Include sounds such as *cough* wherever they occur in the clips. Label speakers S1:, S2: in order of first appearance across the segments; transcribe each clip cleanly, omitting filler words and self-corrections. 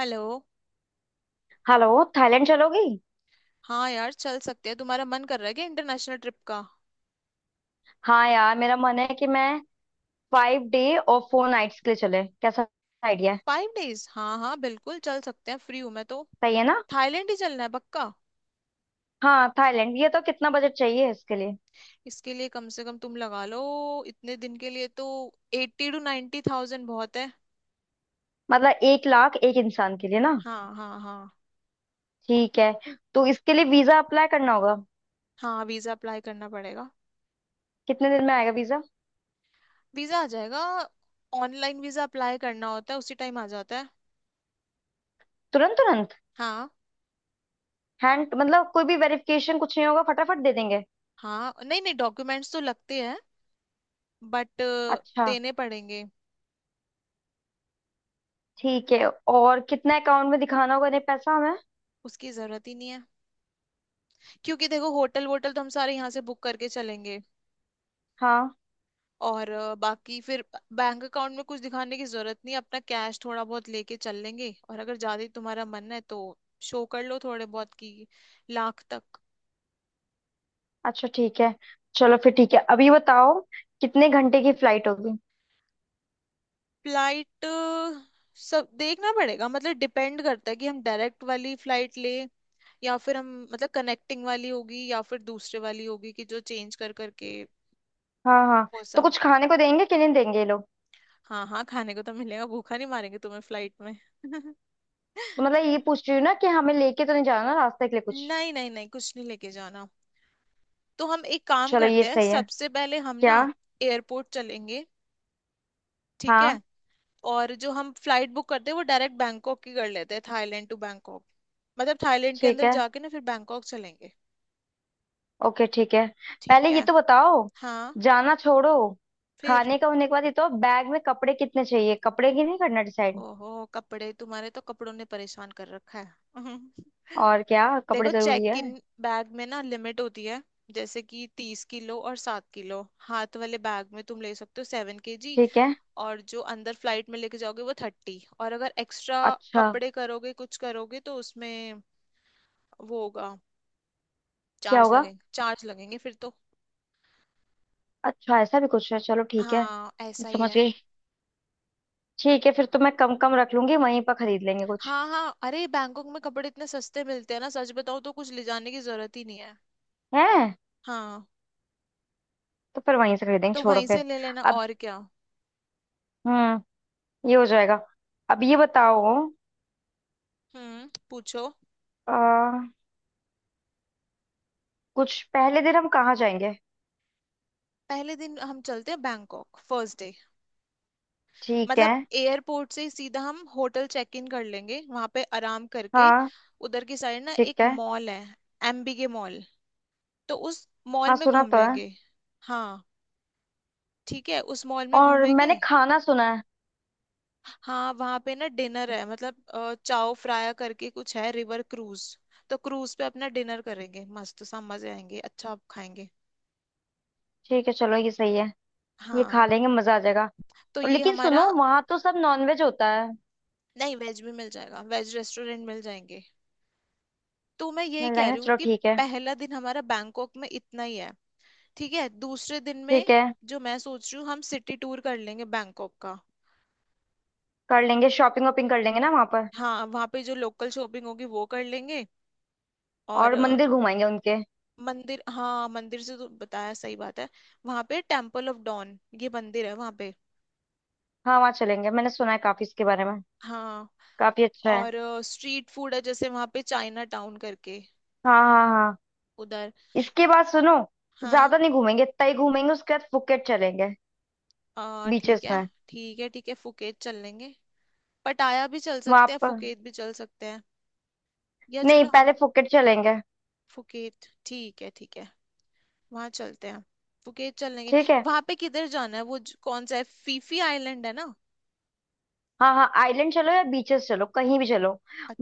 S1: Hello.
S2: Hello. Thailand चलोगी।
S1: हाँ यार, चल सकते हैं। तुम्हारा मन कर रहा है क्या इंटरनेशनल ट्रिप का?
S2: हाँ यार, मेरा मन है कि मैं 5 डे और 4 नाइट्स के लिए चले, कैसा आइडिया है।
S1: फाइव डेज, हाँ हाँ, बिल्कुल चल सकते हैं, फ्री हूँ मैं तो।
S2: सही है ना।
S1: थाईलैंड ही चलना है पक्का?
S2: हाँ थाईलैंड, ये तो कितना बजट चाहिए इसके लिए।
S1: इसके लिए कम से कम तुम लगा लो, इतने दिन के लिए तो 80 to 90 थाउजेंड बहुत है।
S2: मतलब 1 लाख एक इंसान के लिए ना।
S1: हाँ हाँ हाँ।
S2: ठीक है। तो इसके लिए वीजा अप्लाई करना होगा।
S1: हाँ वीजा अप्लाई करना पड़ेगा।
S2: कितने दिन में आएगा वीजा।
S1: वीजा आ जाएगा, ऑनलाइन वीजा अप्लाई करना होता है, उसी टाइम आ जाता है।
S2: तुरंत तुरंत।
S1: हाँ।
S2: हैंड मतलब कोई भी वेरिफिकेशन कुछ नहीं होगा, फटाफट दे देंगे।
S1: हाँ नहीं नहीं, डॉक्यूमेंट्स तो लगते हैं बट
S2: अच्छा।
S1: देने पड़ेंगे।
S2: ठीक है, और कितना अकाउंट में दिखाना होगा, नहीं पैसा हमें।
S1: उसकी जरूरत ही नहीं है, क्योंकि देखो होटल वोटल तो हम सारे यहाँ से बुक करके चलेंगे।
S2: हाँ।
S1: और बाकी फिर बैंक अकाउंट में कुछ दिखाने की जरूरत नहीं। अपना कैश थोड़ा बहुत लेके चल लेंगे, और अगर ज्यादा ही तुम्हारा मन है तो शो कर लो थोड़े बहुत की, लाख तक।
S2: अच्छा ठीक है। चलो फिर ठीक है, अभी बताओ कितने घंटे की फ्लाइट होगी।
S1: फ्लाइट सब देखना पड़ेगा, मतलब डिपेंड करता है कि हम डायरेक्ट वाली फ्लाइट ले, या फिर हम मतलब कनेक्टिंग वाली होगी, या फिर दूसरे वाली होगी कि जो चेंज कर करके
S2: हाँ हाँ।
S1: वो
S2: तो
S1: सब।
S2: कुछ खाने को देंगे कि नहीं देंगे ये लोग।
S1: हाँ हाँ, खाने को तो मिलेगा, भूखा नहीं मारेंगे तुम्हें फ्लाइट में।
S2: तो
S1: *laughs*
S2: मतलब ये पूछ रही हूँ ना कि हमें लेके तो नहीं जाना ना रास्ते के लिए कुछ।
S1: नहीं नहीं नहीं, कुछ नहीं लेके जाना। तो हम एक काम
S2: चलो ये
S1: करते हैं,
S2: सही है।
S1: सबसे पहले हम
S2: क्या।
S1: ना एयरपोर्ट चलेंगे, ठीक है।
S2: हाँ।
S1: और जो हम फ्लाइट बुक करते हैं वो डायरेक्ट बैंकॉक की कर लेते हैं, थाईलैंड टू बैंकॉक। मतलब थाईलैंड के
S2: ठीक
S1: अंदर
S2: है,
S1: जाके ना फिर बैंकॉक चलेंगे।
S2: ओके ठीक है। पहले
S1: ठीक है।
S2: ये तो बताओ।
S1: हाँ।
S2: जाना छोड़ो।
S1: फिर
S2: खाने का होने के बाद ये तो बैग में कपड़े कितने चाहिए, कपड़े की नहीं करना डिसाइड।
S1: ओहो, कपड़े तुम्हारे, तो कपड़ों ने परेशान कर रखा है। *laughs*
S2: और क्या कपड़े
S1: देखो,
S2: जरूरी
S1: चेक
S2: है।
S1: इन बैग में ना लिमिट होती है। जैसे कि 30 किलो और 7 किलो हाथ वाले बैग में तुम ले सकते हो, 7 केजी।
S2: ठीक है।
S1: और जो अंदर फ्लाइट में लेके जाओगे वो 30, और अगर एक्स्ट्रा
S2: अच्छा।
S1: कपड़े करोगे, कुछ करोगे तो उसमें वो होगा,
S2: क्या
S1: चार्ज
S2: होगा।
S1: लगेंगे, चार्ज लगेंगे फिर तो।
S2: अच्छा ऐसा भी कुछ है, चलो ठीक है।
S1: हाँ ऐसा ही
S2: समझ
S1: है।
S2: गई। ठीक है फिर तो मैं कम कम रख लूंगी, वहीं पर खरीद लेंगे कुछ।
S1: हाँ हाँ, अरे बैंकॉक में कपड़े इतने सस्ते मिलते हैं ना, सच बताओ तो कुछ ले जाने की जरूरत ही नहीं है।
S2: है।
S1: हाँ।
S2: तो फिर वहीं से खरीदेंगे,
S1: तो
S2: छोड़ो
S1: वहीं
S2: फिर।
S1: से ले लेना,
S2: अब।
S1: और क्या।
S2: हम्म। ये हो जाएगा। अब ये बताओ।
S1: हम्म, पूछो।
S2: आ, कुछ पहले दिन हम कहाँ जाएंगे।
S1: पहले दिन हम चलते हैं बैंकॉक, फर्स्ट डे।
S2: ठीक है।
S1: मतलब एयरपोर्ट से ही सीधा हम होटल चेक इन कर लेंगे, वहां पे आराम करके
S2: हाँ।
S1: उधर की साइड ना
S2: ठीक
S1: एक
S2: है।
S1: मॉल है, एमबीके मॉल। तो उस मॉल
S2: हाँ
S1: में
S2: सुना
S1: घूम
S2: तो है।
S1: लेंगे। हाँ, ठीक है, उस मॉल में
S2: और मैंने
S1: घूमेंगे।
S2: खाना सुना है।
S1: हाँ वहाँ पे ना डिनर है, मतलब चाओ फ्राया करके कुछ है, रिवर क्रूज। तो क्रूज पे अपना डिनर करेंगे, मस्त सा, मजे आएंगे, अच्छा खाएंगे।
S2: ठीक है चलो ये सही है। ये खा
S1: हाँ
S2: लेंगे, मजा आ जाएगा।
S1: तो
S2: और
S1: ये
S2: लेकिन
S1: हमारा।
S2: सुनो, वहां तो सब नॉनवेज होता है।
S1: नहीं वेज भी मिल जाएगा, वेज रेस्टोरेंट मिल जाएंगे। तो मैं यही
S2: मिल
S1: कह
S2: जाएंगे ना,
S1: रही हूँ
S2: चलो
S1: कि
S2: ठीक है।
S1: पहला दिन हमारा बैंकॉक में इतना ही है। ठीक है, दूसरे दिन में
S2: ठीक है।
S1: जो मैं सोच रही हूँ, हम सिटी टूर कर लेंगे बैंकॉक का।
S2: कर लेंगे, शॉपिंग वॉपिंग कर लेंगे ना वहां पर।
S1: हाँ वहाँ पे जो लोकल शॉपिंग होगी वो कर लेंगे।
S2: और
S1: और
S2: मंदिर घुमाएंगे उनके।
S1: मंदिर, हाँ, मंदिर से तो बताया, सही बात है। वहां पे टेम्पल ऑफ डॉन, ये मंदिर है वहां पे।
S2: हाँ वहाँ चलेंगे, मैंने सुना है काफी इसके बारे में।
S1: हाँ।
S2: काफी अच्छा है।
S1: और स्ट्रीट फूड है, जैसे वहां पे चाइना टाउन करके,
S2: हाँ हाँ हाँ।
S1: उधर।
S2: इसके बाद सुनो,
S1: हाँ।
S2: ज्यादा नहीं घूमेंगे, तय घूमेंगे उसके बाद फुकेट चलेंगे।
S1: ठीक
S2: बीचेस
S1: है।
S2: में।
S1: ठीक है ठीक है, फुकेत चल लेंगे। पटाया भी चल
S2: वहां
S1: सकते हैं,
S2: पर।
S1: फुकेत भी चल सकते हैं। या
S2: नहीं
S1: चलो हम,
S2: पहले फुकेट चलेंगे।
S1: फुकेत, ठीक है ठीक है, वहां चलते हैं, फुकेत चल लेंगे।
S2: ठीक है।
S1: वहां पे किधर जाना है वो कौन सा है, फीफी आइलैंड है ना।
S2: हाँ हाँ आइलैंड चलो या बीचेस चलो कहीं भी चलो।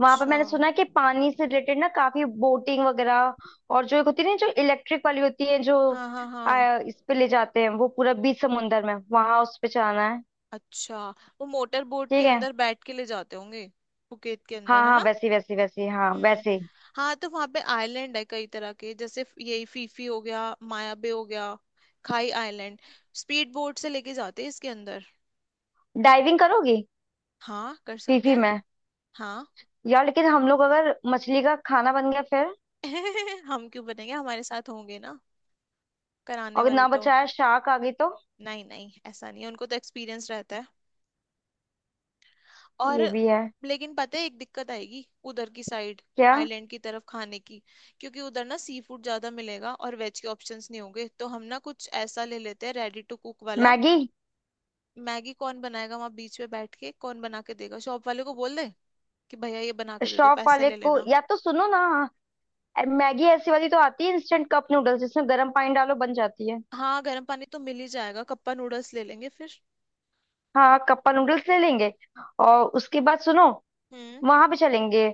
S2: वहां पर मैंने सुना है कि पानी से रिलेटेड ना काफी बोटिंग वगैरह। और जो एक होती है ना, जो इलेक्ट्रिक वाली होती है जो
S1: हाँ हाँ हाँ।
S2: इस पे ले जाते हैं, वो पूरा बीच समुंदर में वहां उस पे चलाना है।
S1: अच्छा, वो मोटर बोट के
S2: ठीक है।
S1: अंदर बैठ के ले जाते होंगे। बुकेत के
S2: हाँ
S1: अंदर है
S2: हाँ
S1: ना।
S2: वैसी वैसी वैसी हाँ
S1: हम्म।
S2: वैसे।
S1: हाँ तो वहां पे आइलैंड है कई तरह के, जैसे यही फीफी हो गया, मायाबे हो गया, खाई आइलैंड। स्पीड बोट से लेके जाते हैं इसके अंदर।
S2: डाइविंग करोगी।
S1: हाँ कर सकते
S2: फीफी
S1: हैं।
S2: में।
S1: हाँ।
S2: यार लेकिन हम लोग अगर मछली का खाना बन गया फिर।
S1: *laughs* हम क्यों बनेंगे, हमारे साथ होंगे ना कराने
S2: और अगर
S1: वाले
S2: ना
S1: तो।
S2: बचाया शार्क आ गई तो।
S1: नहीं नहीं, ऐसा नहीं है, उनको तो एक्सपीरियंस रहता है। और
S2: ये भी है।
S1: लेकिन पता है, एक दिक्कत आएगी उधर की साइड,
S2: क्या।
S1: आइलैंड की तरफ, खाने की। क्योंकि उधर ना सी फूड ज्यादा मिलेगा और वेज के ऑप्शंस नहीं होंगे, तो हम ना कुछ ऐसा ले लेते हैं रेडी टू कुक वाला।
S2: मैगी।
S1: मैगी कौन बनाएगा वहां, बीच में बैठ के कौन बना के देगा? शॉप वाले को बोल दे कि भैया ये बना के दे दो,
S2: शॉप
S1: पैसे
S2: वाले
S1: ले
S2: को
S1: लेना।
S2: या तो सुनो ना। मैगी ऐसी वाली तो आती है, इंस्टेंट कप नूडल्स जिसमें गर्म पानी डालो बन जाती है।
S1: हाँ गर्म पानी तो मिल ही जाएगा, कप्पा नूडल्स ले लेंगे फिर।
S2: हाँ कप्पा नूडल्स ले लेंगे। और उसके बाद सुनो,
S1: हम्म।
S2: वहां पे चलेंगे।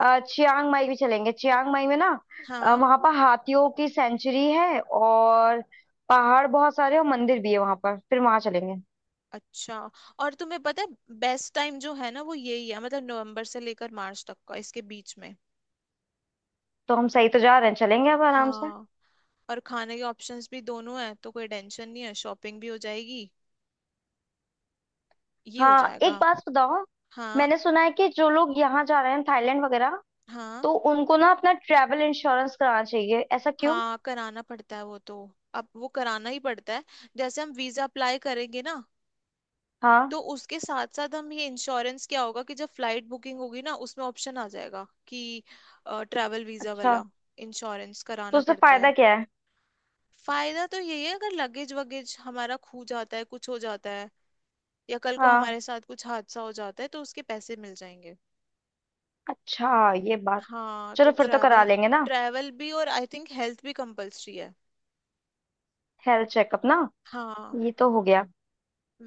S2: चियांग माई भी चलेंगे, चियांग माई में ना
S1: हाँ।
S2: वहां पर हाथियों की सेंचुरी है, और पहाड़ बहुत सारे और मंदिर भी है वहां पर, फिर वहां चलेंगे।
S1: अच्छा। और तुम्हें पता है, बेस्ट टाइम जो है ना वो यही है, मतलब नवंबर से लेकर मार्च तक का, इसके बीच में।
S2: तो हम सही तो जा रहे हैं, चलेंगे अब आराम से।
S1: हाँ और खाने के ऑप्शंस भी दोनों हैं, तो कोई टेंशन नहीं है, शॉपिंग भी हो जाएगी, ये हो
S2: हाँ एक
S1: जाएगा।
S2: बात बताओ।
S1: हाँ।
S2: मैंने सुना है कि जो लोग यहाँ जा रहे हैं थाईलैंड वगैरह,
S1: हाँ
S2: तो उनको ना अपना ट्रैवल इंश्योरेंस कराना चाहिए, ऐसा क्यों।
S1: हाँ, कराना पड़ता है वो तो, अब वो कराना ही पड़ता है। जैसे हम वीजा अप्लाई करेंगे ना,
S2: हाँ।
S1: तो उसके साथ साथ हम ये इंश्योरेंस, क्या होगा कि जब फ्लाइट बुकिंग होगी ना, उसमें ऑप्शन आ जाएगा कि ट्रैवल वीजा
S2: अच्छा।
S1: वाला इंश्योरेंस
S2: तो
S1: कराना
S2: उससे
S1: पड़ता
S2: फायदा
S1: है।
S2: क्या है।
S1: फायदा तो यही है, अगर लगेज वगेज हमारा खो जाता है, कुछ हो जाता है, या कल को
S2: हाँ।
S1: हमारे साथ कुछ हादसा हो जाता है, तो उसके पैसे मिल जाएंगे।
S2: अच्छा ये बात।
S1: हाँ तो
S2: चलो फिर तो
S1: ट्रैवल,
S2: करा लेंगे ना।
S1: ट्रैवल भी और आई थिंक हेल्थ भी कंपलसरी है।
S2: हेल्थ चेकअप ना।
S1: हाँ
S2: ये तो हो गया।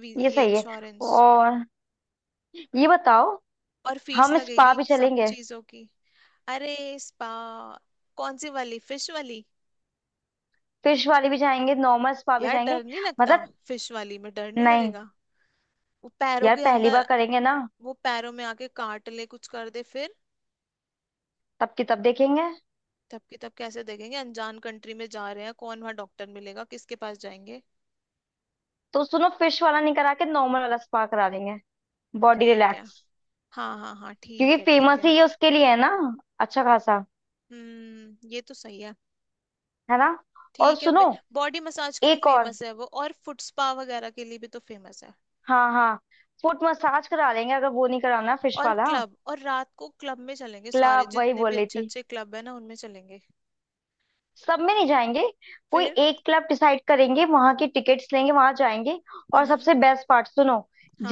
S2: ये
S1: ये
S2: सही है।
S1: इंश्योरेंस।
S2: और ये बताओ,
S1: और फीस
S2: हम स्पा
S1: लगेगी
S2: भी
S1: सब
S2: चलेंगे।
S1: चीजों की। अरे, स्पा, कौन सी वाली, फिश वाली?
S2: फिश वाली भी जाएंगे नॉर्मल स्पा भी
S1: यार
S2: जाएंगे।
S1: डर नहीं लगता?
S2: मतलब।
S1: फिश वाली में डर नहीं
S2: नहीं।
S1: लगेगा? वो पैरों
S2: यार
S1: के
S2: पहली बार
S1: अंदर,
S2: करेंगे ना।
S1: वो पैरों में आके काट ले, कुछ कर दे फिर।
S2: तब की तब देखेंगे।
S1: तब की तब कैसे देखेंगे, अनजान कंट्री में जा रहे हैं, कौन वहां डॉक्टर मिलेगा, किसके पास जाएंगे?
S2: तो सुनो फिश वाला नहीं करा के नॉर्मल वाला स्पा करा लेंगे, बॉडी
S1: ठीक है।
S2: रिलैक्स।
S1: हाँ हाँ हाँ,
S2: क्योंकि
S1: ठीक है ठीक
S2: फेमस ही
S1: है।
S2: ये उसके लिए है ना, अच्छा खासा।
S1: हम्म, ये तो सही है।
S2: है ना। और
S1: ठीक है।
S2: सुनो,
S1: बॉडी मसाज के लिए
S2: एक और।
S1: फेमस है वो, और फुट स्पा वगैरह के लिए भी तो फेमस है।
S2: हाँ हाँ। फुट मसाज करा लेंगे, अगर वो नहीं कराना फिश
S1: और
S2: वाला।
S1: क्लब, और रात को क्लब में चलेंगे, सारे
S2: क्लब, वही
S1: जितने
S2: बोल
S1: भी
S2: रही
S1: अच्छे
S2: थी।
S1: अच्छे क्लब है ना, उनमें चलेंगे।
S2: सब में नहीं जाएंगे, कोई
S1: फिर।
S2: एक क्लब डिसाइड करेंगे, वहां की टिकट्स लेंगे वहां जाएंगे। और
S1: हम्म।
S2: सबसे बेस्ट पार्ट सुनो,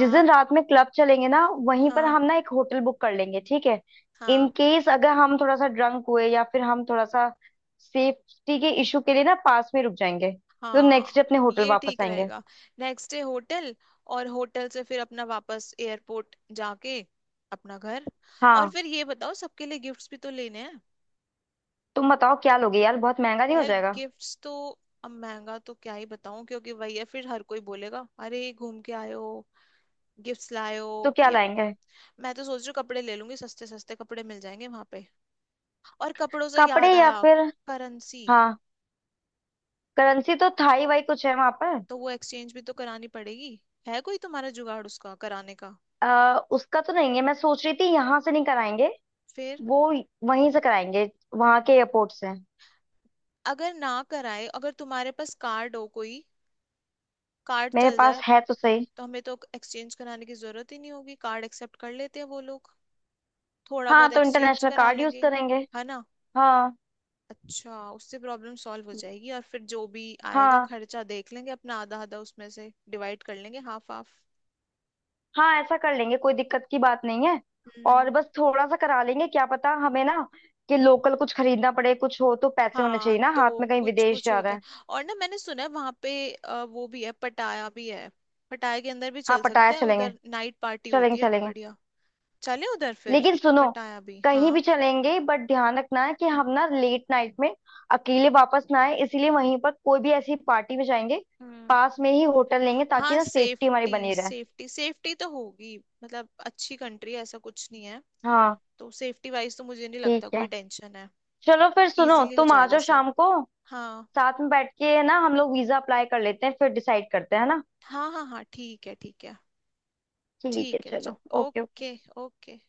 S2: जिस दिन रात में क्लब चलेंगे ना वहीं पर
S1: हाँ
S2: हम ना एक होटल बुक कर लेंगे, ठीक है। इन
S1: हाँ।
S2: केस अगर हम थोड़ा सा ड्रंक हुए या फिर हम थोड़ा सा, सेफ्टी के इशू के लिए ना पास में रुक जाएंगे। तो नेक्स्ट डे
S1: हाँ,
S2: अपने होटल
S1: ये
S2: वापस
S1: ठीक
S2: आएंगे।
S1: रहेगा। नेक्स्ट डे होटल, और होटल से फिर अपना वापस एयरपोर्ट जाके अपना घर। और
S2: हाँ।
S1: फिर ये बताओ, सबके लिए गिफ्ट्स भी तो लेने हैं।
S2: तुम बताओ क्या लोगे यार, बहुत महंगा नहीं हो
S1: यार
S2: जाएगा।
S1: गिफ्ट्स तो, अब महंगा तो क्या ही बताऊं, क्योंकि वही है फिर, हर कोई बोलेगा अरे घूम के आए हो, गिफ्ट्स लायो।
S2: तो क्या
S1: ये भी-
S2: लाएंगे।
S1: मैं तो सोच रही हूँ कपड़े ले लूंगी, सस्ते सस्ते कपड़े मिल जाएंगे वहां पे। और कपड़ों से
S2: कपड़े
S1: याद
S2: या
S1: आया,
S2: फिर।
S1: करेंसी,
S2: हाँ। करेंसी तो थाई वाई कुछ है वहां पर।
S1: तो वो एक्सचेंज भी तो करानी पड़ेगी। है कोई तुम्हारा जुगाड़ उसका कराने का?
S2: उसका तो नहीं है, मैं सोच रही थी यहाँ से नहीं कराएंगे।
S1: फिर?
S2: वो वहीं से कराएंगे, वहां के एयरपोर्ट से।
S1: अगर ना कराए, अगर तुम्हारे पास कार्ड हो कोई, कार्ड
S2: मेरे
S1: चल
S2: पास
S1: जाए,
S2: है तो सही।
S1: तो हमें तो एक्सचेंज कराने की जरूरत ही नहीं होगी, कार्ड एक्सेप्ट कर लेते हैं वो लोग। थोड़ा
S2: हाँ
S1: बहुत
S2: तो
S1: एक्सचेंज
S2: इंटरनेशनल
S1: करा
S2: कार्ड यूज
S1: लेंगे,
S2: करेंगे।
S1: है ना।
S2: हाँ।
S1: अच्छा, उससे प्रॉब्लम सॉल्व हो जाएगी, और फिर जो भी आएगा
S2: हाँ
S1: खर्चा देख लेंगे अपना, आधा आधा उसमें से डिवाइड कर लेंगे, हाफ हाफ।
S2: हाँ ऐसा कर लेंगे, कोई दिक्कत की बात नहीं है। और
S1: हम्म।
S2: बस थोड़ा सा करा लेंगे, क्या पता हमें ना कि लोकल कुछ खरीदना पड़े कुछ हो, तो पैसे होने
S1: हाँ
S2: चाहिए ना
S1: तो
S2: हाथ में, कहीं
S1: कुछ
S2: विदेश
S1: कुछ
S2: जा रहे
S1: होते हैं।
S2: हैं।
S1: और ना मैंने सुना है वहां पे, वो भी है, पटाया भी है। पटाया के अंदर भी
S2: हाँ
S1: चल
S2: पटाया
S1: सकते हैं,
S2: चलेंगे,
S1: उधर नाइट पार्टी होती
S2: चलेंगे
S1: है
S2: चलेंगे।
S1: बढ़िया। चले उधर फिर,
S2: लेकिन सुनो,
S1: पटाया भी,
S2: कहीं भी
S1: हाँ।
S2: चलेंगे बट ध्यान रखना है कि हम ना लेट नाइट में अकेले वापस ना आए, इसीलिए वहीं पर कोई भी ऐसी पार्टी में जाएंगे,
S1: हम्म।
S2: पास में ही होटल लेंगे ताकि
S1: हाँ,
S2: ना सेफ्टी हमारी
S1: सेफ्टी
S2: बनी रहे।
S1: सेफ्टी सेफ्टी तो होगी। मतलब अच्छी कंट्री है, ऐसा कुछ नहीं है।
S2: हाँ।
S1: तो सेफ्टी वाइज तो मुझे नहीं
S2: ठीक
S1: लगता कोई
S2: है।
S1: टेंशन है।
S2: चलो फिर सुनो,
S1: इजीली हो
S2: तुम आ
S1: जाएगा
S2: जाओ
S1: सब।
S2: शाम को,
S1: हाँ
S2: साथ में बैठ के ना हम लोग वीजा अप्लाई कर लेते हैं फिर डिसाइड करते हैं, है ना।
S1: हाँ हाँ। हाँ ठीक है, ठीक है।
S2: ठीक है
S1: ठीक है
S2: चलो,
S1: चल।
S2: Okay okay.
S1: ओके। ओके।